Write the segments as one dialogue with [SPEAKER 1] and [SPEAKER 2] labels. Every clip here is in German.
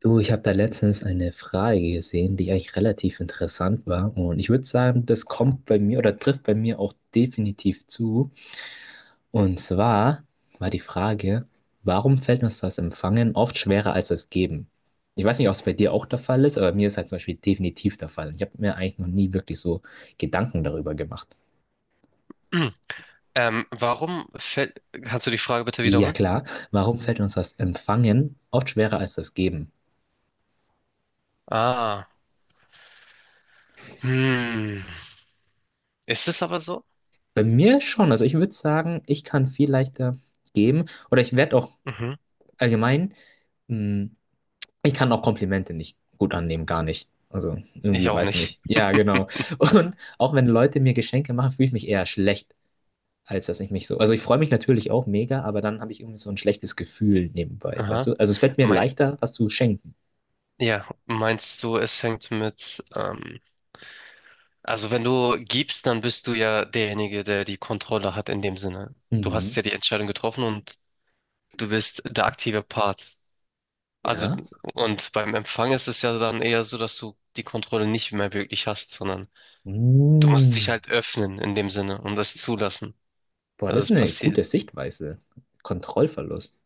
[SPEAKER 1] Du, ich habe da letztens eine Frage gesehen, die eigentlich relativ interessant war. Und ich würde sagen, das kommt bei mir oder trifft bei mir auch definitiv zu. Und zwar war die Frage, warum fällt uns das Empfangen oft schwerer als das Geben? Ich weiß nicht, ob es bei dir auch der Fall ist, aber mir ist halt zum Beispiel definitiv der Fall. Und ich habe mir eigentlich noch nie wirklich so Gedanken darüber gemacht.
[SPEAKER 2] Warum fällt. Kannst du die Frage bitte
[SPEAKER 1] Ja
[SPEAKER 2] wiederholen?
[SPEAKER 1] klar, warum fällt uns das Empfangen oft schwerer als das Geben?
[SPEAKER 2] Ah. Hm. Ist es aber so?
[SPEAKER 1] Bei mir schon. Also ich würde sagen, ich kann viel leichter geben. Oder ich werde auch
[SPEAKER 2] Mhm.
[SPEAKER 1] allgemein, mh, ich kann auch Komplimente nicht gut annehmen, gar nicht. Also
[SPEAKER 2] Ich
[SPEAKER 1] irgendwie,
[SPEAKER 2] auch
[SPEAKER 1] weiß
[SPEAKER 2] nicht.
[SPEAKER 1] nicht. Ja, genau. Und auch wenn Leute mir Geschenke machen, fühle ich mich eher schlecht, als dass ich mich so. Also ich freue mich natürlich auch mega, aber dann habe ich irgendwie so ein schlechtes Gefühl nebenbei, weißt
[SPEAKER 2] Aha.
[SPEAKER 1] du? Also es fällt mir
[SPEAKER 2] Mein,
[SPEAKER 1] leichter, was zu schenken.
[SPEAKER 2] ja, meinst du, es hängt mit. Also, wenn du gibst, dann bist du ja derjenige, der die Kontrolle hat in dem Sinne. Du hast
[SPEAKER 1] Mhm.
[SPEAKER 2] ja die Entscheidung getroffen und du bist der aktive Part. Also,
[SPEAKER 1] Ja.
[SPEAKER 2] und beim Empfang ist es ja dann eher so, dass du die Kontrolle nicht mehr wirklich hast, sondern du musst dich
[SPEAKER 1] Mm.
[SPEAKER 2] halt öffnen in dem Sinne und das zulassen,
[SPEAKER 1] Boah,
[SPEAKER 2] dass
[SPEAKER 1] das ist
[SPEAKER 2] es
[SPEAKER 1] eine gute
[SPEAKER 2] passiert.
[SPEAKER 1] Sichtweise. Kontrollverlust.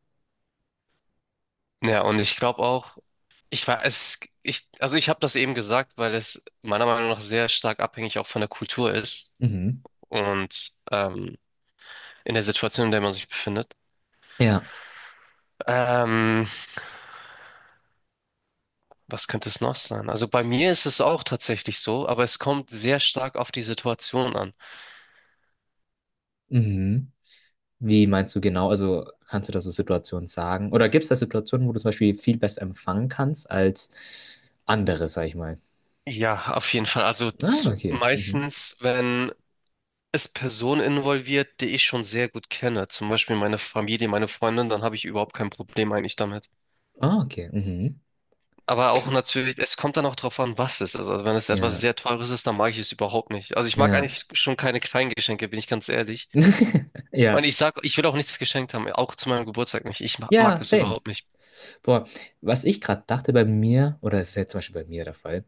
[SPEAKER 2] Ja, und ich glaube auch, ich war es, ich, also ich habe das eben gesagt, weil es meiner Meinung nach sehr stark abhängig auch von der Kultur ist
[SPEAKER 1] Mhm.
[SPEAKER 2] und in der Situation, in der man sich befindet.
[SPEAKER 1] Ja.
[SPEAKER 2] Ähm, Was könnte es noch sein? Also bei mir ist es auch tatsächlich so, aber es kommt sehr stark auf die Situation an.
[SPEAKER 1] Mhm. Wie meinst du genau? Also kannst du da so Situationen sagen? Oder gibt es da Situationen, wo du zum Beispiel viel besser empfangen kannst als andere, sag ich mal?
[SPEAKER 2] Ja, auf jeden Fall.
[SPEAKER 1] Ah, okay. Mhm.
[SPEAKER 2] Meistens, wenn es Personen involviert, die ich schon sehr gut kenne, zum Beispiel meine Familie, meine Freundin, dann habe ich überhaupt kein Problem eigentlich damit.
[SPEAKER 1] Ah, okay. Mhm.
[SPEAKER 2] Aber auch natürlich, es kommt dann auch drauf an, was es ist. Also wenn es etwas
[SPEAKER 1] Ja,
[SPEAKER 2] sehr Teures ist, dann mag ich es überhaupt nicht. Also ich mag
[SPEAKER 1] ja.
[SPEAKER 2] eigentlich schon keine kleinen Geschenke, bin ich ganz ehrlich. Und
[SPEAKER 1] Ja.
[SPEAKER 2] ich sag, ich will auch nichts geschenkt haben, auch zu meinem Geburtstag nicht. Ich
[SPEAKER 1] Ja,
[SPEAKER 2] mag es
[SPEAKER 1] same.
[SPEAKER 2] überhaupt nicht.
[SPEAKER 1] Boah, was ich gerade dachte bei mir, oder es ist ja zum Beispiel bei mir der Fall,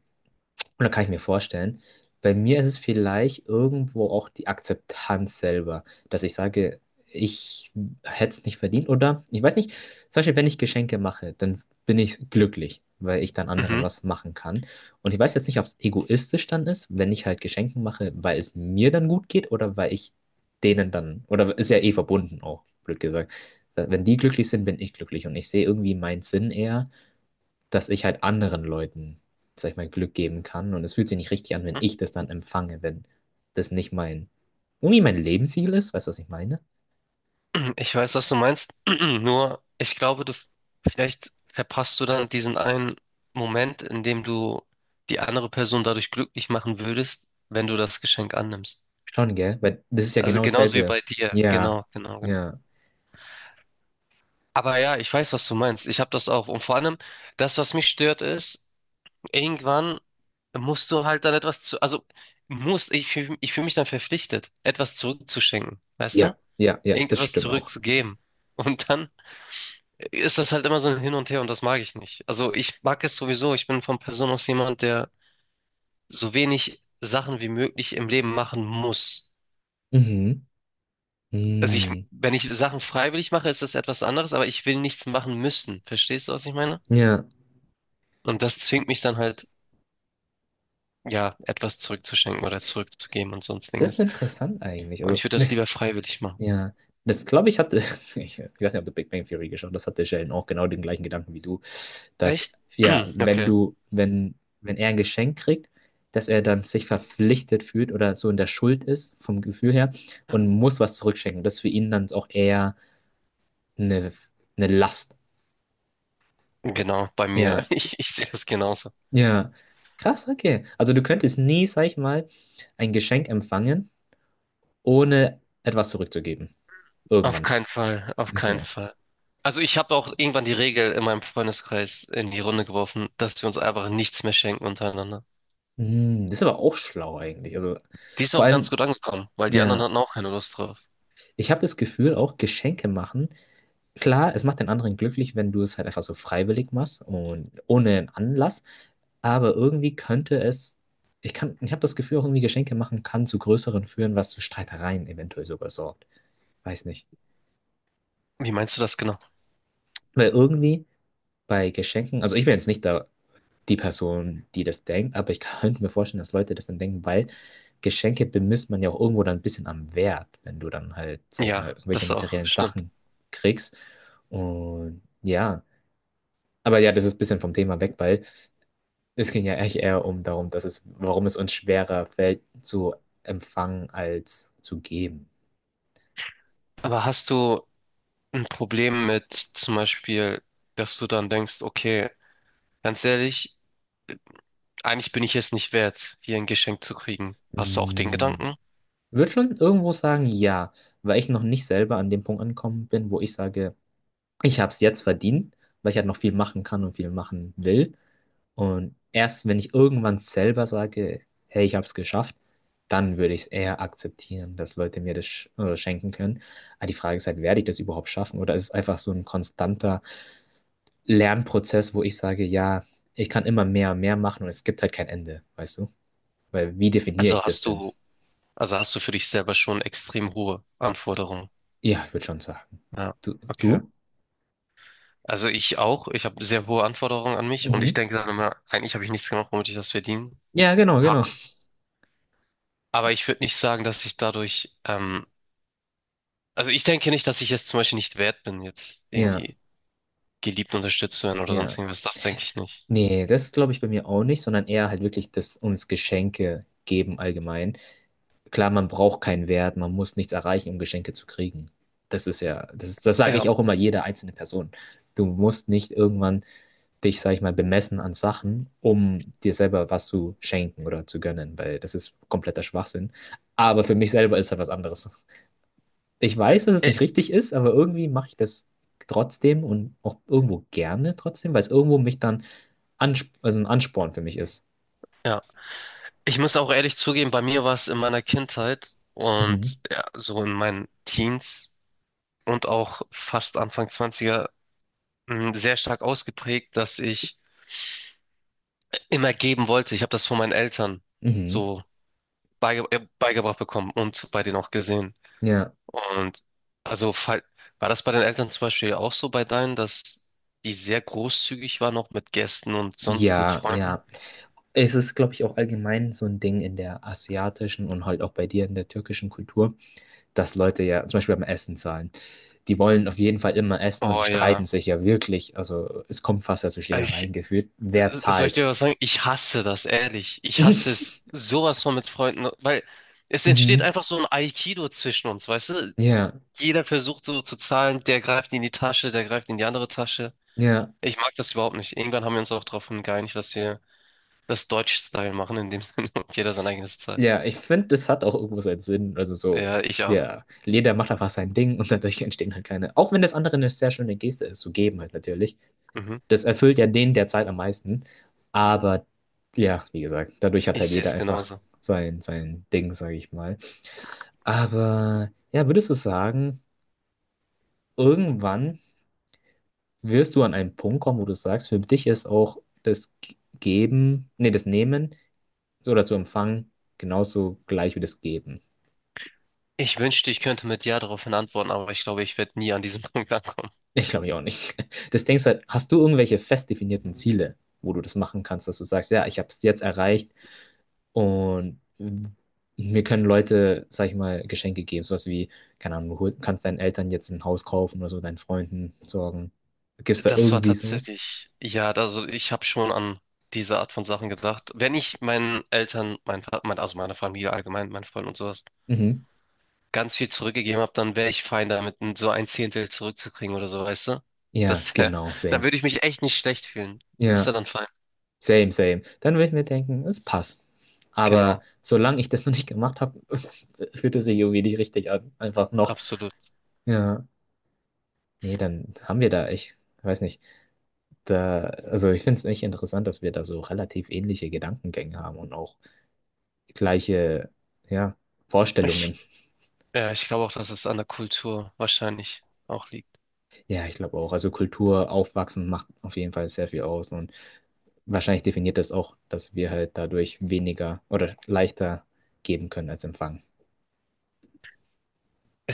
[SPEAKER 1] und da kann ich mir vorstellen, bei mir ist es vielleicht irgendwo auch die Akzeptanz selber, dass ich sage, ich hätte es nicht verdient oder ich weiß nicht, zum Beispiel, wenn ich Geschenke mache, dann bin ich glücklich, weil ich dann anderen
[SPEAKER 2] Mhm.
[SPEAKER 1] was machen kann. Und ich weiß jetzt nicht, ob es egoistisch dann ist, wenn ich halt Geschenke mache, weil es mir dann gut geht oder weil ich denen dann, oder ist ja eh verbunden auch, blöd gesagt. Wenn die glücklich sind, bin ich glücklich und ich sehe irgendwie meinen Sinn eher, dass ich halt anderen Leuten, sag ich mal, Glück geben kann. Und es fühlt sich nicht richtig an, wenn ich das dann empfange, wenn das nicht mein, irgendwie mein Lebensziel ist. Weißt du, was ich meine?
[SPEAKER 2] Ich weiß, was du meinst. Nur, ich glaube, du vielleicht verpasst du dann diesen einen Moment, in dem du die andere Person dadurch glücklich machen würdest, wenn du das Geschenk annimmst.
[SPEAKER 1] Schon, gell? Weil das ist ja
[SPEAKER 2] Also
[SPEAKER 1] genau
[SPEAKER 2] genauso wie
[SPEAKER 1] dasselbe.
[SPEAKER 2] bei dir.
[SPEAKER 1] Ja,
[SPEAKER 2] Genau, genau, genau.
[SPEAKER 1] ja,
[SPEAKER 2] Aber ja, ich weiß, was du meinst. Ich habe das auch. Und vor allem, das, was mich stört, ist, irgendwann musst du halt dann etwas zu, also muss, ich fühl mich dann verpflichtet, etwas zurückzuschenken, weißt du?
[SPEAKER 1] ja, ja, ja, das
[SPEAKER 2] Irgendetwas
[SPEAKER 1] stimmt auch.
[SPEAKER 2] zurückzugeben. Und dann ist das halt immer so ein Hin und Her und das mag ich nicht. Also ich mag es sowieso. Ich bin von Person aus jemand, der so wenig Sachen wie möglich im Leben machen muss.
[SPEAKER 1] Mhm. Mhm.
[SPEAKER 2] Wenn ich Sachen freiwillig mache, ist das etwas anderes, aber ich will nichts machen müssen. Verstehst du, was ich meine?
[SPEAKER 1] Ja,
[SPEAKER 2] Und das zwingt mich dann halt ja, etwas zurückzuschenken oder zurückzugeben und
[SPEAKER 1] das ist
[SPEAKER 2] sonstiges.
[SPEAKER 1] interessant eigentlich.
[SPEAKER 2] Und
[SPEAKER 1] Also,
[SPEAKER 2] ich würde das lieber freiwillig machen.
[SPEAKER 1] ja, das glaube ich hatte, ich weiß nicht, ob du Big Bang Theory geschaut hast, das hatte Sheldon auch genau den gleichen Gedanken wie du, dass,
[SPEAKER 2] Echt?
[SPEAKER 1] ja, wenn
[SPEAKER 2] Okay,
[SPEAKER 1] du, wenn, wenn er ein Geschenk kriegt, dass er dann sich verpflichtet fühlt oder so in der Schuld ist, vom Gefühl her, und muss was zurückschenken. Das ist für ihn dann auch eher eine, eine Last.
[SPEAKER 2] genau, bei mir.
[SPEAKER 1] Ja,
[SPEAKER 2] Ich sehe das genauso.
[SPEAKER 1] ja, krass, okay. Also du könntest nie, sag ich mal, ein Geschenk empfangen, ohne etwas zurückzugeben.
[SPEAKER 2] Auf
[SPEAKER 1] Irgendwann.
[SPEAKER 2] keinen Fall, auf keinen
[SPEAKER 1] Okay.
[SPEAKER 2] Fall. Also ich habe auch irgendwann die Regel in meinem Freundeskreis in die Runde geworfen, dass wir uns einfach nichts mehr schenken untereinander.
[SPEAKER 1] Hm, das ist aber auch schlau eigentlich. Also
[SPEAKER 2] Die ist
[SPEAKER 1] vor
[SPEAKER 2] auch ganz
[SPEAKER 1] allem,
[SPEAKER 2] gut angekommen, weil die anderen
[SPEAKER 1] ja,
[SPEAKER 2] hatten auch keine Lust drauf.
[SPEAKER 1] ich habe das Gefühl, auch Geschenke machen, klar, es macht den anderen glücklich, wenn du es halt einfach so freiwillig machst und ohne einen Anlass, aber irgendwie könnte es, ich kann, ich habe das Gefühl, auch irgendwie Geschenke machen kann zu größeren führen, was zu Streitereien eventuell sogar sorgt. Weiß nicht.
[SPEAKER 2] Wie meinst du das genau?
[SPEAKER 1] Weil irgendwie bei Geschenken, also ich bin jetzt nicht da die Person, die das denkt, aber ich könnte mir vorstellen, dass Leute das dann denken, weil Geschenke bemisst man ja auch irgendwo dann ein bisschen am Wert, wenn du dann halt, sag ich
[SPEAKER 2] Ja,
[SPEAKER 1] mal, irgendwelche
[SPEAKER 2] das auch,
[SPEAKER 1] materiellen
[SPEAKER 2] stimmt.
[SPEAKER 1] Sachen kriegst. Und ja, aber ja, das ist ein bisschen vom Thema weg, weil es ging ja eigentlich eher um darum, dass es, warum es uns schwerer fällt zu empfangen als zu geben.
[SPEAKER 2] Aber hast du ein Problem mit zum Beispiel, dass du dann denkst, okay, ganz ehrlich, eigentlich bin ich es nicht wert, hier ein Geschenk zu kriegen. Hast du auch den
[SPEAKER 1] Hm,
[SPEAKER 2] Gedanken?
[SPEAKER 1] würde schon irgendwo sagen, ja, weil ich noch nicht selber an dem Punkt angekommen bin, wo ich sage, ich habe es jetzt verdient, weil ich halt noch viel machen kann und viel machen will. Und erst wenn ich irgendwann selber sage, hey, ich habe es geschafft, dann würde ich es eher akzeptieren, dass Leute mir das schenken können. Aber die Frage ist halt, werde ich das überhaupt schaffen? Oder ist es einfach so ein konstanter Lernprozess, wo ich sage, ja, ich kann immer mehr und mehr machen und es gibt halt kein Ende, weißt du? Weil wie definiere ich
[SPEAKER 2] Also
[SPEAKER 1] das
[SPEAKER 2] hast
[SPEAKER 1] denn?
[SPEAKER 2] du, also hast du für dich selber schon extrem hohe Anforderungen.
[SPEAKER 1] Ja, ich würde schon sagen.
[SPEAKER 2] Ja,
[SPEAKER 1] Du,
[SPEAKER 2] okay.
[SPEAKER 1] du?
[SPEAKER 2] Also ich auch. Ich habe sehr hohe Anforderungen an mich und ich
[SPEAKER 1] Mhm.
[SPEAKER 2] denke dann immer, eigentlich habe ich nichts gemacht, womit ich das verdienen
[SPEAKER 1] Ja, genau,
[SPEAKER 2] habe.
[SPEAKER 1] genau.
[SPEAKER 2] Aber ich würde nicht sagen, dass ich dadurch, also ich denke nicht, dass ich jetzt zum Beispiel nicht wert bin, jetzt
[SPEAKER 1] Ja,
[SPEAKER 2] irgendwie geliebt unterstützt zu werden oder sonst
[SPEAKER 1] ja.
[SPEAKER 2] irgendwas. Das denke ich nicht.
[SPEAKER 1] Nee, das glaube ich bei mir auch nicht, sondern eher halt wirklich, dass uns Geschenke geben allgemein. Klar, man braucht keinen Wert, man muss nichts erreichen, um Geschenke zu kriegen. Das ist ja, das ist, das sage
[SPEAKER 2] Ja.
[SPEAKER 1] ich auch immer jeder einzelne Person. Du musst nicht irgendwann dich, sag ich mal, bemessen an Sachen, um dir selber was zu schenken oder zu gönnen, weil das ist kompletter Schwachsinn. Aber für mich selber ist halt was anderes. Ich weiß, dass es
[SPEAKER 2] Äh,
[SPEAKER 1] nicht richtig ist, aber irgendwie mache ich das trotzdem und auch irgendwo gerne trotzdem, weil es irgendwo mich dann Ansp also ein Ansporn für mich ist.
[SPEAKER 2] Ja. Ich muss auch ehrlich zugeben, bei mir war es in meiner Kindheit
[SPEAKER 1] Mhm.
[SPEAKER 2] und ja, so in meinen Teens und auch fast Anfang Zwanziger sehr stark ausgeprägt, dass ich immer geben wollte. Ich habe das von meinen Eltern
[SPEAKER 1] Mhm.
[SPEAKER 2] so beigebracht bekommen und bei denen auch gesehen.
[SPEAKER 1] Ja,
[SPEAKER 2] Und also fall- war das bei den Eltern zum Beispiel auch so bei deinen, dass die sehr großzügig waren, auch mit Gästen und sonst mit
[SPEAKER 1] ja,
[SPEAKER 2] Freunden?
[SPEAKER 1] ja. Es ist, glaube ich, auch allgemein so ein Ding in der asiatischen und halt auch bei dir in der türkischen Kultur, dass Leute ja zum Beispiel beim Essen zahlen. Die wollen auf jeden Fall immer essen und die
[SPEAKER 2] Oh ja.
[SPEAKER 1] streiten sich ja wirklich. Also es kommt fast ja zu Schlägereien geführt. Wer
[SPEAKER 2] Soll ich
[SPEAKER 1] zahlt?
[SPEAKER 2] dir was sagen? Ich hasse das, ehrlich. Ich hasse es sowas von mit Freunden, weil es entsteht
[SPEAKER 1] Mhm.
[SPEAKER 2] einfach so ein Aikido zwischen uns, weißt du?
[SPEAKER 1] Ja,
[SPEAKER 2] Jeder versucht so zu zahlen, der greift in die Tasche, der greift in die andere Tasche.
[SPEAKER 1] ja,
[SPEAKER 2] Ich mag das überhaupt nicht. Irgendwann haben wir uns auch darauf geeinigt, dass wir das Deutsch-Style machen in dem Sinne und jeder sein eigenes zahlt.
[SPEAKER 1] ja. Ich finde, das hat auch irgendwo seinen Sinn. Also so,
[SPEAKER 2] Ja, ich auch.
[SPEAKER 1] ja, jeder macht einfach sein Ding und dadurch entstehen halt keine. Auch wenn das andere eine sehr schöne Geste ist, so geben halt natürlich.
[SPEAKER 2] Mhm.
[SPEAKER 1] Das erfüllt ja den derzeit am meisten. Aber ja, wie gesagt, dadurch hat
[SPEAKER 2] Ich
[SPEAKER 1] halt
[SPEAKER 2] sehe
[SPEAKER 1] jeder
[SPEAKER 2] es
[SPEAKER 1] einfach
[SPEAKER 2] genauso.
[SPEAKER 1] sein Ding, sage ich mal. Aber ja, würdest du sagen, irgendwann wirst du an einen Punkt kommen, wo du sagst, für dich ist auch das Geben, nee, das Nehmen oder zu empfangen genauso gleich wie das Geben.
[SPEAKER 2] Ich wünschte, ich könnte mit Ja daraufhin antworten, aber ich glaube, ich werde nie an diesem Punkt ankommen.
[SPEAKER 1] Ich glaube ich auch nicht. Das denkst halt, hast du irgendwelche fest definierten Ziele, wo du das machen kannst, dass du sagst, ja, ich habe es jetzt erreicht. Und mir können Leute, sag ich mal, Geschenke geben. Sowas wie, keine Ahnung, du kannst deinen Eltern jetzt ein Haus kaufen oder so, deinen Freunden sorgen. Gibt's da
[SPEAKER 2] Das war
[SPEAKER 1] irgendwie sowas?
[SPEAKER 2] tatsächlich, ja, also ich habe schon an diese Art von Sachen gedacht. Wenn ich meinen Eltern, also meiner Familie allgemein, meinen Freunden und sowas,
[SPEAKER 1] Mhm.
[SPEAKER 2] ganz viel zurückgegeben habe, dann wäre ich fein damit, so ein Zehntel zurückzukriegen oder so, weißt du?
[SPEAKER 1] Ja,
[SPEAKER 2] Das wär,
[SPEAKER 1] genau,
[SPEAKER 2] dann
[SPEAKER 1] same.
[SPEAKER 2] würde ich mich echt nicht schlecht fühlen. Das
[SPEAKER 1] Ja,
[SPEAKER 2] wäre dann fein.
[SPEAKER 1] same, same. Dann würde ich mir denken, es passt. Aber
[SPEAKER 2] Genau,
[SPEAKER 1] solange ich das noch nicht gemacht habe, fühlt es sich irgendwie nicht richtig an. Einfach noch.
[SPEAKER 2] absolut.
[SPEAKER 1] Ja, nee, dann haben wir da, ich weiß nicht. Da, also ich finde es echt interessant, dass wir da so relativ ähnliche Gedankengänge haben und auch gleiche, ja, Vorstellungen.
[SPEAKER 2] Ich, ja, ich glaube auch, dass es an der Kultur wahrscheinlich auch liegt.
[SPEAKER 1] Ja, ich glaube auch. Also Kultur aufwachsen macht auf jeden Fall sehr viel aus und wahrscheinlich definiert das auch, dass wir halt dadurch weniger oder leichter geben können als empfangen.